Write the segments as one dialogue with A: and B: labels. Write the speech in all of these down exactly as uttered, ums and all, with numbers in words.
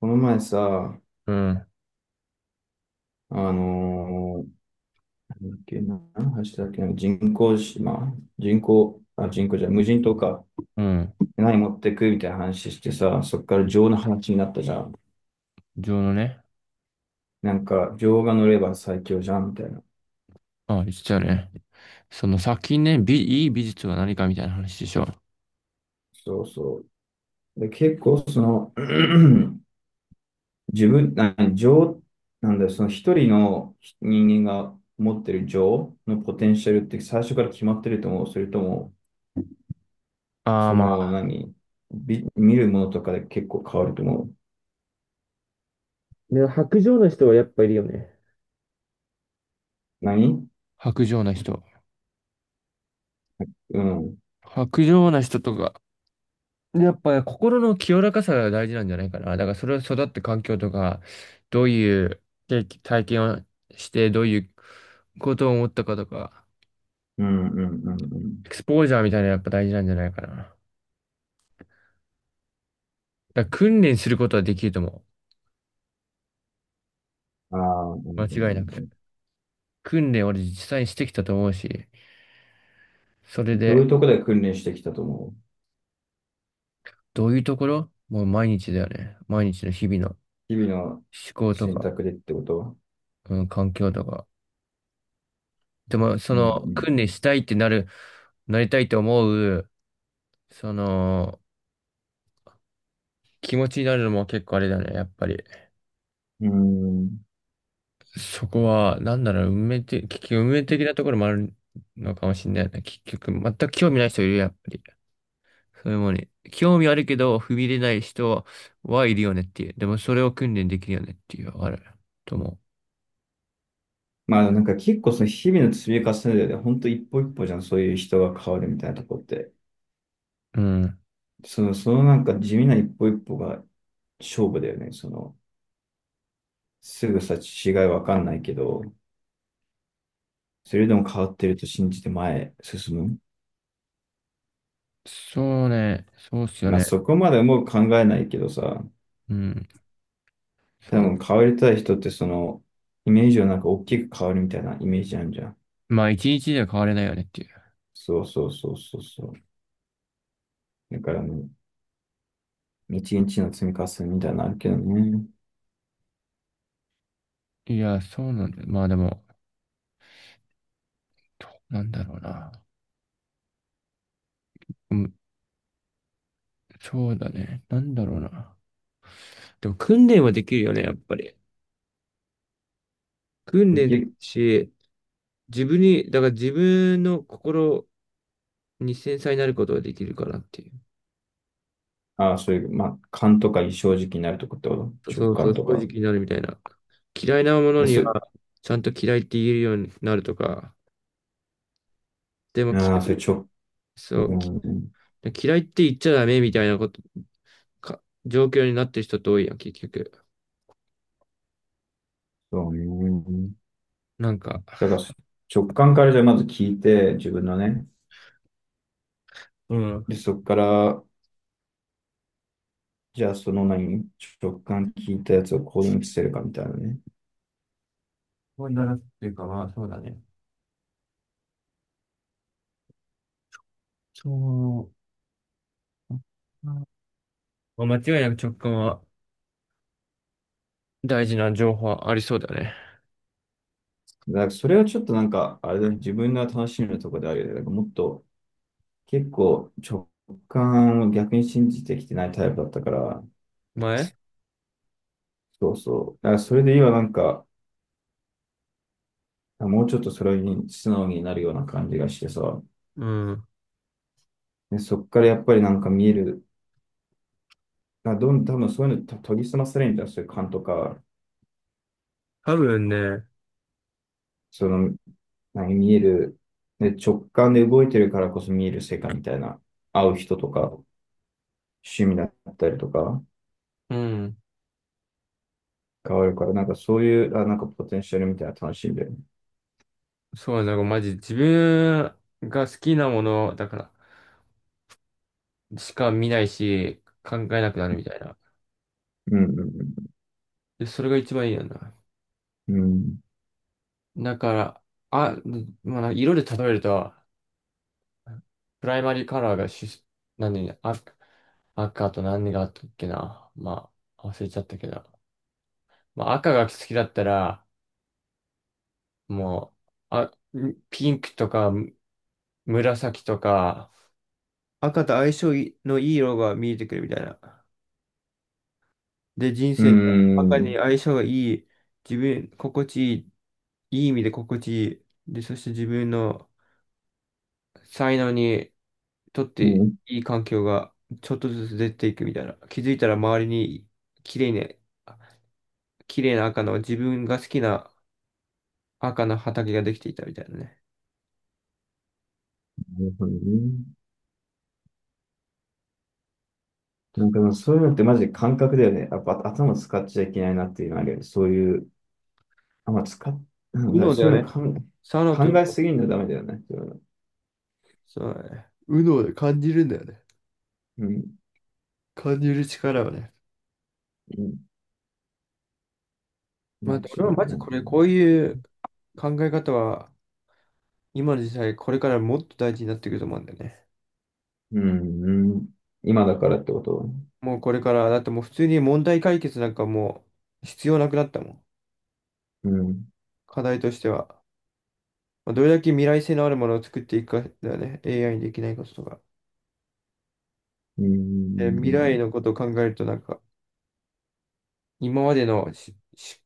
A: この前さ、
B: うん、
A: あのーなんだっけな、何の話だっけな、人工島、人工、あ、人工じゃない、無人島か。
B: うん。
A: 何持ってくみたいな話してさ、そっから情の話になったじゃん。
B: 情のね。
A: なんか、情が乗れば最強じゃん、みたいな。
B: あ、言っちゃうね。その先ね、美、いい美術は何かみたいな話でしょ。
A: そうそう。で、結構、その、自分、な、情、なんだよ、その一人の人間が持ってる情のポテンシャルって最初から決まってると思う。それとも、
B: ああ、
A: そ
B: ま
A: の、
B: あ、
A: 何、び見るものとかで結構変わると思う。
B: でも白状な人はやっぱいるよね。
A: 何？
B: 薄情な人。
A: うん。
B: 薄情な人とか、やっぱり心の清らかさが大事なんじゃないかな。だからそれは育った環境とか、どういう経験体験をして、どういうことを思ったかとか、
A: うんうんうん
B: エクスポージャーみたいなのやっぱ大事なんじゃないかな。だから訓練することはできると思
A: うん。ああ、うんう
B: う。
A: ん
B: 間違いな
A: う
B: く。
A: ん。
B: 訓練俺実際にしてきたと思うし。それ
A: どう
B: で、
A: いうところで訓練してきたと思う？
B: どういうところもう毎日だよね。毎日の日々の
A: 日々の
B: 思考と
A: 選
B: か、
A: 択でってこと？は
B: うん、環境とか。でも、そ
A: う
B: の、
A: ん
B: 訓練したいってなる、なりたいと思う、その、気持ちになるのも結構あれだね、やっぱり。
A: うん。うん。
B: そこは、なんだろう、運命的、結局運命的なところもあるのかもしれないね。結局、全く興味ない人いるよ、やっぱり。そういうものに。興味あるけど、踏み入れない人はいるよねっていう。でも、それを訓練できるよねっていう、あると思
A: まあなんか結構その日々の積み重ねでね、本当一歩一歩じゃん、そういう人が変わるみたいなとこって。
B: う。うん。
A: その、そのなんか地味な一歩一歩が勝負だよね。その、すぐさ違いわかんないけど、それでも変わってると信じて前へ進む。
B: そうね。そうっすよ
A: まあ
B: ね。
A: そこまでもう考えないけどさ、
B: うん。そ
A: 多
B: の、
A: 分変わりたい人ってその、イメージをなんか大きく変わるみたいなイメージあるじゃん。
B: まあ、一日では変われないよねってい
A: そうそうそうそうそう。だから日う、一日の積み重ねみたいなのあるけどね。
B: う。いや、そうなんだよ。まあでも、どうなんだろうな。うん、そうだね。なんだろうな。でも訓練はできるよね、やっぱり。訓
A: で
B: 練
A: き
B: できる
A: る。
B: し、自分に、だから自分の心に繊細になることができるかなっていう。
A: ああ、そういう、まあ、感とか異常時期になるとこってこと
B: そ
A: 直
B: うそ
A: 感
B: う、正
A: と
B: 直
A: か。
B: になるみたいな。嫌いなもの
A: あ、
B: に
A: そあ
B: は、ちゃんと嫌いって言えるようになるとか、でも
A: ーそ
B: 嫌
A: れ
B: い、
A: 直、
B: そう、き
A: うん、
B: 嫌いって言っちゃダメみたいなことか状況になってる人って多いやん、結局。
A: そうね。
B: なんか、
A: だからそ直感からじゃあまず聞いて、自分のね。
B: うん。
A: で、そこから、じゃあその何、直感聞いたやつを行動に移せるかみたいなね。
B: そうだなっていうか、まあ、そうだね。そう。まあ間違いなく直感は大事な情報はありそうだね。
A: なんかそれはちょっとなんか、あれだね、自分の楽しみのところであるよね。なんかもっと結構直感を逆に信じてきてないタイプだったから、
B: 前
A: そうそう。だからそれで今なんか、もうちょっとそれに素直になるような感じがしてさ、
B: うん。
A: で、そっからやっぱりなんか見える、あ、どん、多分そういうのと研ぎ澄まされるんじゃん、そういう感とか、
B: 多分ね、
A: その、何、見える、で、直感で動いてるからこそ見える世界みたいな、会う人とか、趣味だったりとか、
B: うん。
A: 変わるから、なんかそういう、あ、なんかポテンシャルみたいなの楽しいんで、
B: そうなんかマジ自分が好きなものだからしか見ないし考えなくなるみたいな。
A: うん、
B: で、それが一番いいよな。
A: うん、うん。
B: だから、あ、まあ、色で例えると、プライマリーカラーがし、何、赤、赤と何があったっけな。まあ、忘れちゃったけど。まあ、赤が好きだったら、もう、あ、ピンクとか紫とか、赤と相性のいい色が見えてくるみたいな。で、人
A: う
B: 生に
A: ん、
B: 赤
A: う
B: に
A: ん、
B: 相性がいい、自分、心地いい、いい意味で心地いい。で、そして自分の才能にとっ
A: う
B: て
A: ん、
B: いい環境がちょっとずつ出ていくみたいな。気づいたら周りに綺麗ね、綺麗な赤の自分が好きな赤の畑ができていたみたいなね。
A: なるほどね。なんかでもそういうのってマジで感覚だよね。やっぱ頭使っちゃいけないなっていうのあるよね。そういう、あ、まあ、使っ、なん
B: 右
A: だろう、
B: 脳だ
A: そ
B: よ
A: ういう
B: ね。
A: の考
B: 左脳と
A: え、考
B: 右
A: え
B: 脳、
A: すぎるのダメだよね。そういうの、
B: そうだね。右脳で感じるんだよね。
A: うん、
B: 感じる力をね。
A: うん、
B: ま
A: 間
B: あ、
A: 違
B: 俺
A: い
B: はマ
A: な
B: ジ
A: い。
B: これ、こういう考え方は今の時代これからもっと大事になってくると思うんだよね。
A: うん、うん、今だからってこと、
B: もうこれから、だってもう普通に問題解決なんかもう必要なくなったもん。
A: うん、
B: 課題としては。まあ、どれだけ未来性のあるものを作っていくかだよね。エーアイ にできないこととか。
A: う
B: えー未来
A: ん、
B: のことを考えると、なんか、今までのしし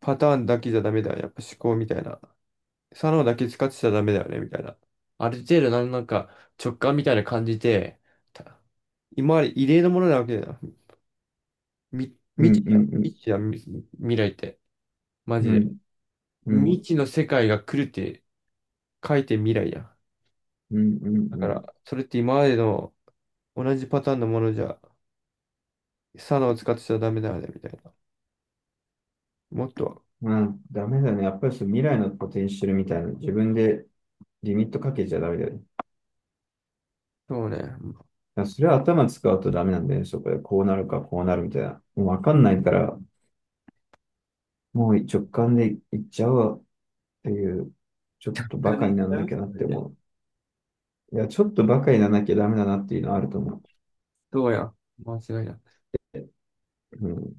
B: パターンだけじゃダメだよね。やっぱ思考みたいな。左脳だけ使ってちゃダメだよね、みたいな。ある程度なん、なんか直感みたいな感じで、た今まで異例のものなわけだよ。み、
A: うん、
B: 未知
A: う
B: じゃん。
A: ん、うん、
B: 未知じゃん、み未来って。マ
A: う
B: ジで。
A: ん、うん、う
B: 未
A: ん、
B: 知の世界が来るって書いて未来やん。
A: うん、うん、う
B: だ
A: ん、う
B: か
A: ん、
B: ら、それって今までの同じパターンのものじゃサナを使ってちゃダメだよね、みたいな。もっと、
A: まあ、ダメだね。やっぱりその未来のポテンシャルみたいな、自分でリミットかけちゃダメだよね。
B: そうね。
A: だからそれは頭使うとダメなんだよね。そこでこうなるかこうなるみたいな。もうわかんないから、もう直感でいっちゃおうっていう、ちょっとバカ
B: み
A: になら
B: たい
A: なきゃなって
B: な。
A: 思う。いや、ちょっとバカにならなきゃダメだなっていうのはあると思
B: そうやん。間違いない。
A: う。うん。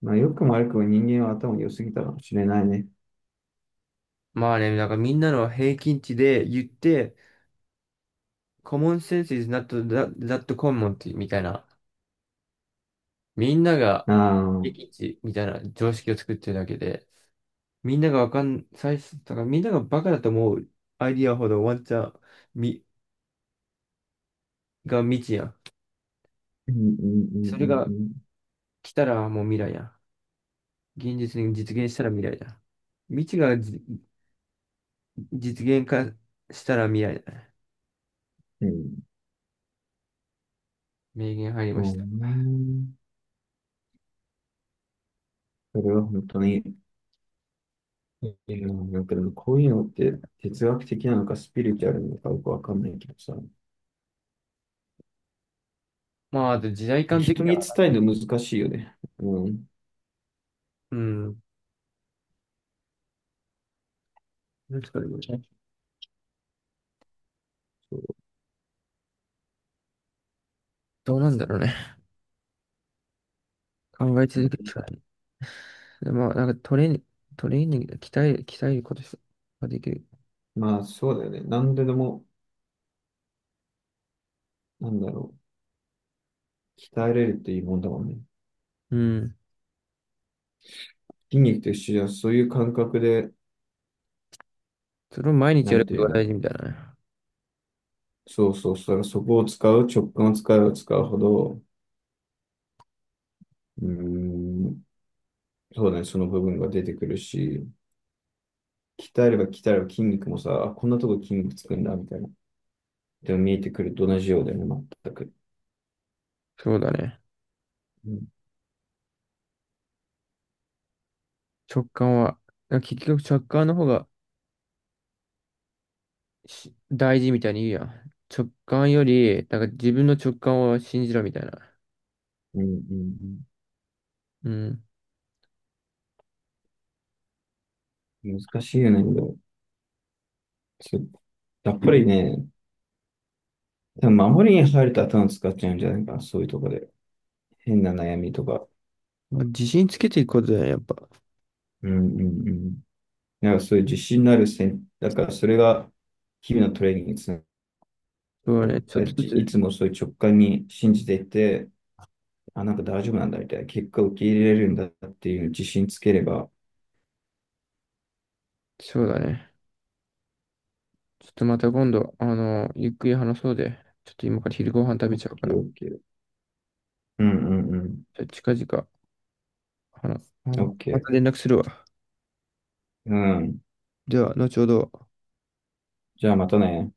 A: まあ、良くも悪くも人間は頭良すぎたかもしれないね。
B: まあね、なんかみんなの平均値で言って、common sense is not that, that common みたいな。みんなが
A: ああ、う
B: 平
A: ん
B: 均値みたいな常識を作ってるだけで、みんながわかん、最初、だからみんながバカだと思うアイディアほどワンチャンみが未知やん。
A: うんう
B: それ
A: ん
B: が
A: うん
B: 来たらもう未来やん。現実に実現したら未来だ。未知がじ実現化したら未来だね。
A: うん。うん。
B: 名言入り
A: う
B: ました。
A: ね、それは本当に、いや、なんかでもこういうのって哲学的なのかスピリチュアルなのかよくわかんないけどさ、
B: まあ、あと時代感的に
A: 人に
B: は、
A: 伝えるの難しいよね。うん。
B: うん。なんですかね、これね
A: そう。
B: どうなんだろうね。考え続けるしかない。でまあ、なんかトレーニング、トレーニングで鍛える、鍛えることができる。
A: まあそうだよね。何ででも、なんだろう、鍛えれるっていいもんだもんね。
B: うん。
A: 筋肉と一緒じゃ、そういう感覚で、
B: それを毎日
A: な
B: やる
A: んて
B: こ
A: い
B: と
A: う
B: が
A: の、
B: 大事みたいなね。
A: そうそうそう、そこを使う、直感を使えば使うほど、うーん、そうだね、その部分が出てくるし、鍛えれば鍛えれば筋肉もさ、あこんなとこ筋肉つくんだ、みたいな。でも見えてくると同じようだよね、全く。
B: そうだね。
A: うん
B: 直感は、なんか結局直感の方がし大事みたいに言うやん。直感より、なんか自分の直感を信じろみたいな。
A: うんうん。
B: うん。
A: 難しいよね。でもそうやっぱりね、多分守りに入ると頭使っちゃうんじゃないかな、そういうとこで。変な悩みとか。
B: まあ、自信つけていくことだね、やっぱ。
A: うんうんうん。なんかそういう自信のある戦、だからそれが日々のトレーニングにつな
B: そうだね。ちょっ
A: が
B: と
A: り、い
B: ず
A: つもそういう直感に信じていて、あ、なんか大丈夫なんだみたいな、結果を受け入れれるんだっていう自信つければ、
B: つ、そうだね。ちょっとまた今度、あの、ゆっくり話そうで。ちょっと今から昼ご飯食べ
A: OK、
B: ちゃう
A: ケ
B: か
A: ー
B: ら。
A: オッケーうんうんうん。
B: じゃあ近々、あの、あ
A: オ
B: の、
A: ッケ
B: ま
A: ー。
B: た連絡するわ。
A: うん。
B: では、後ほど。
A: じゃあまたね。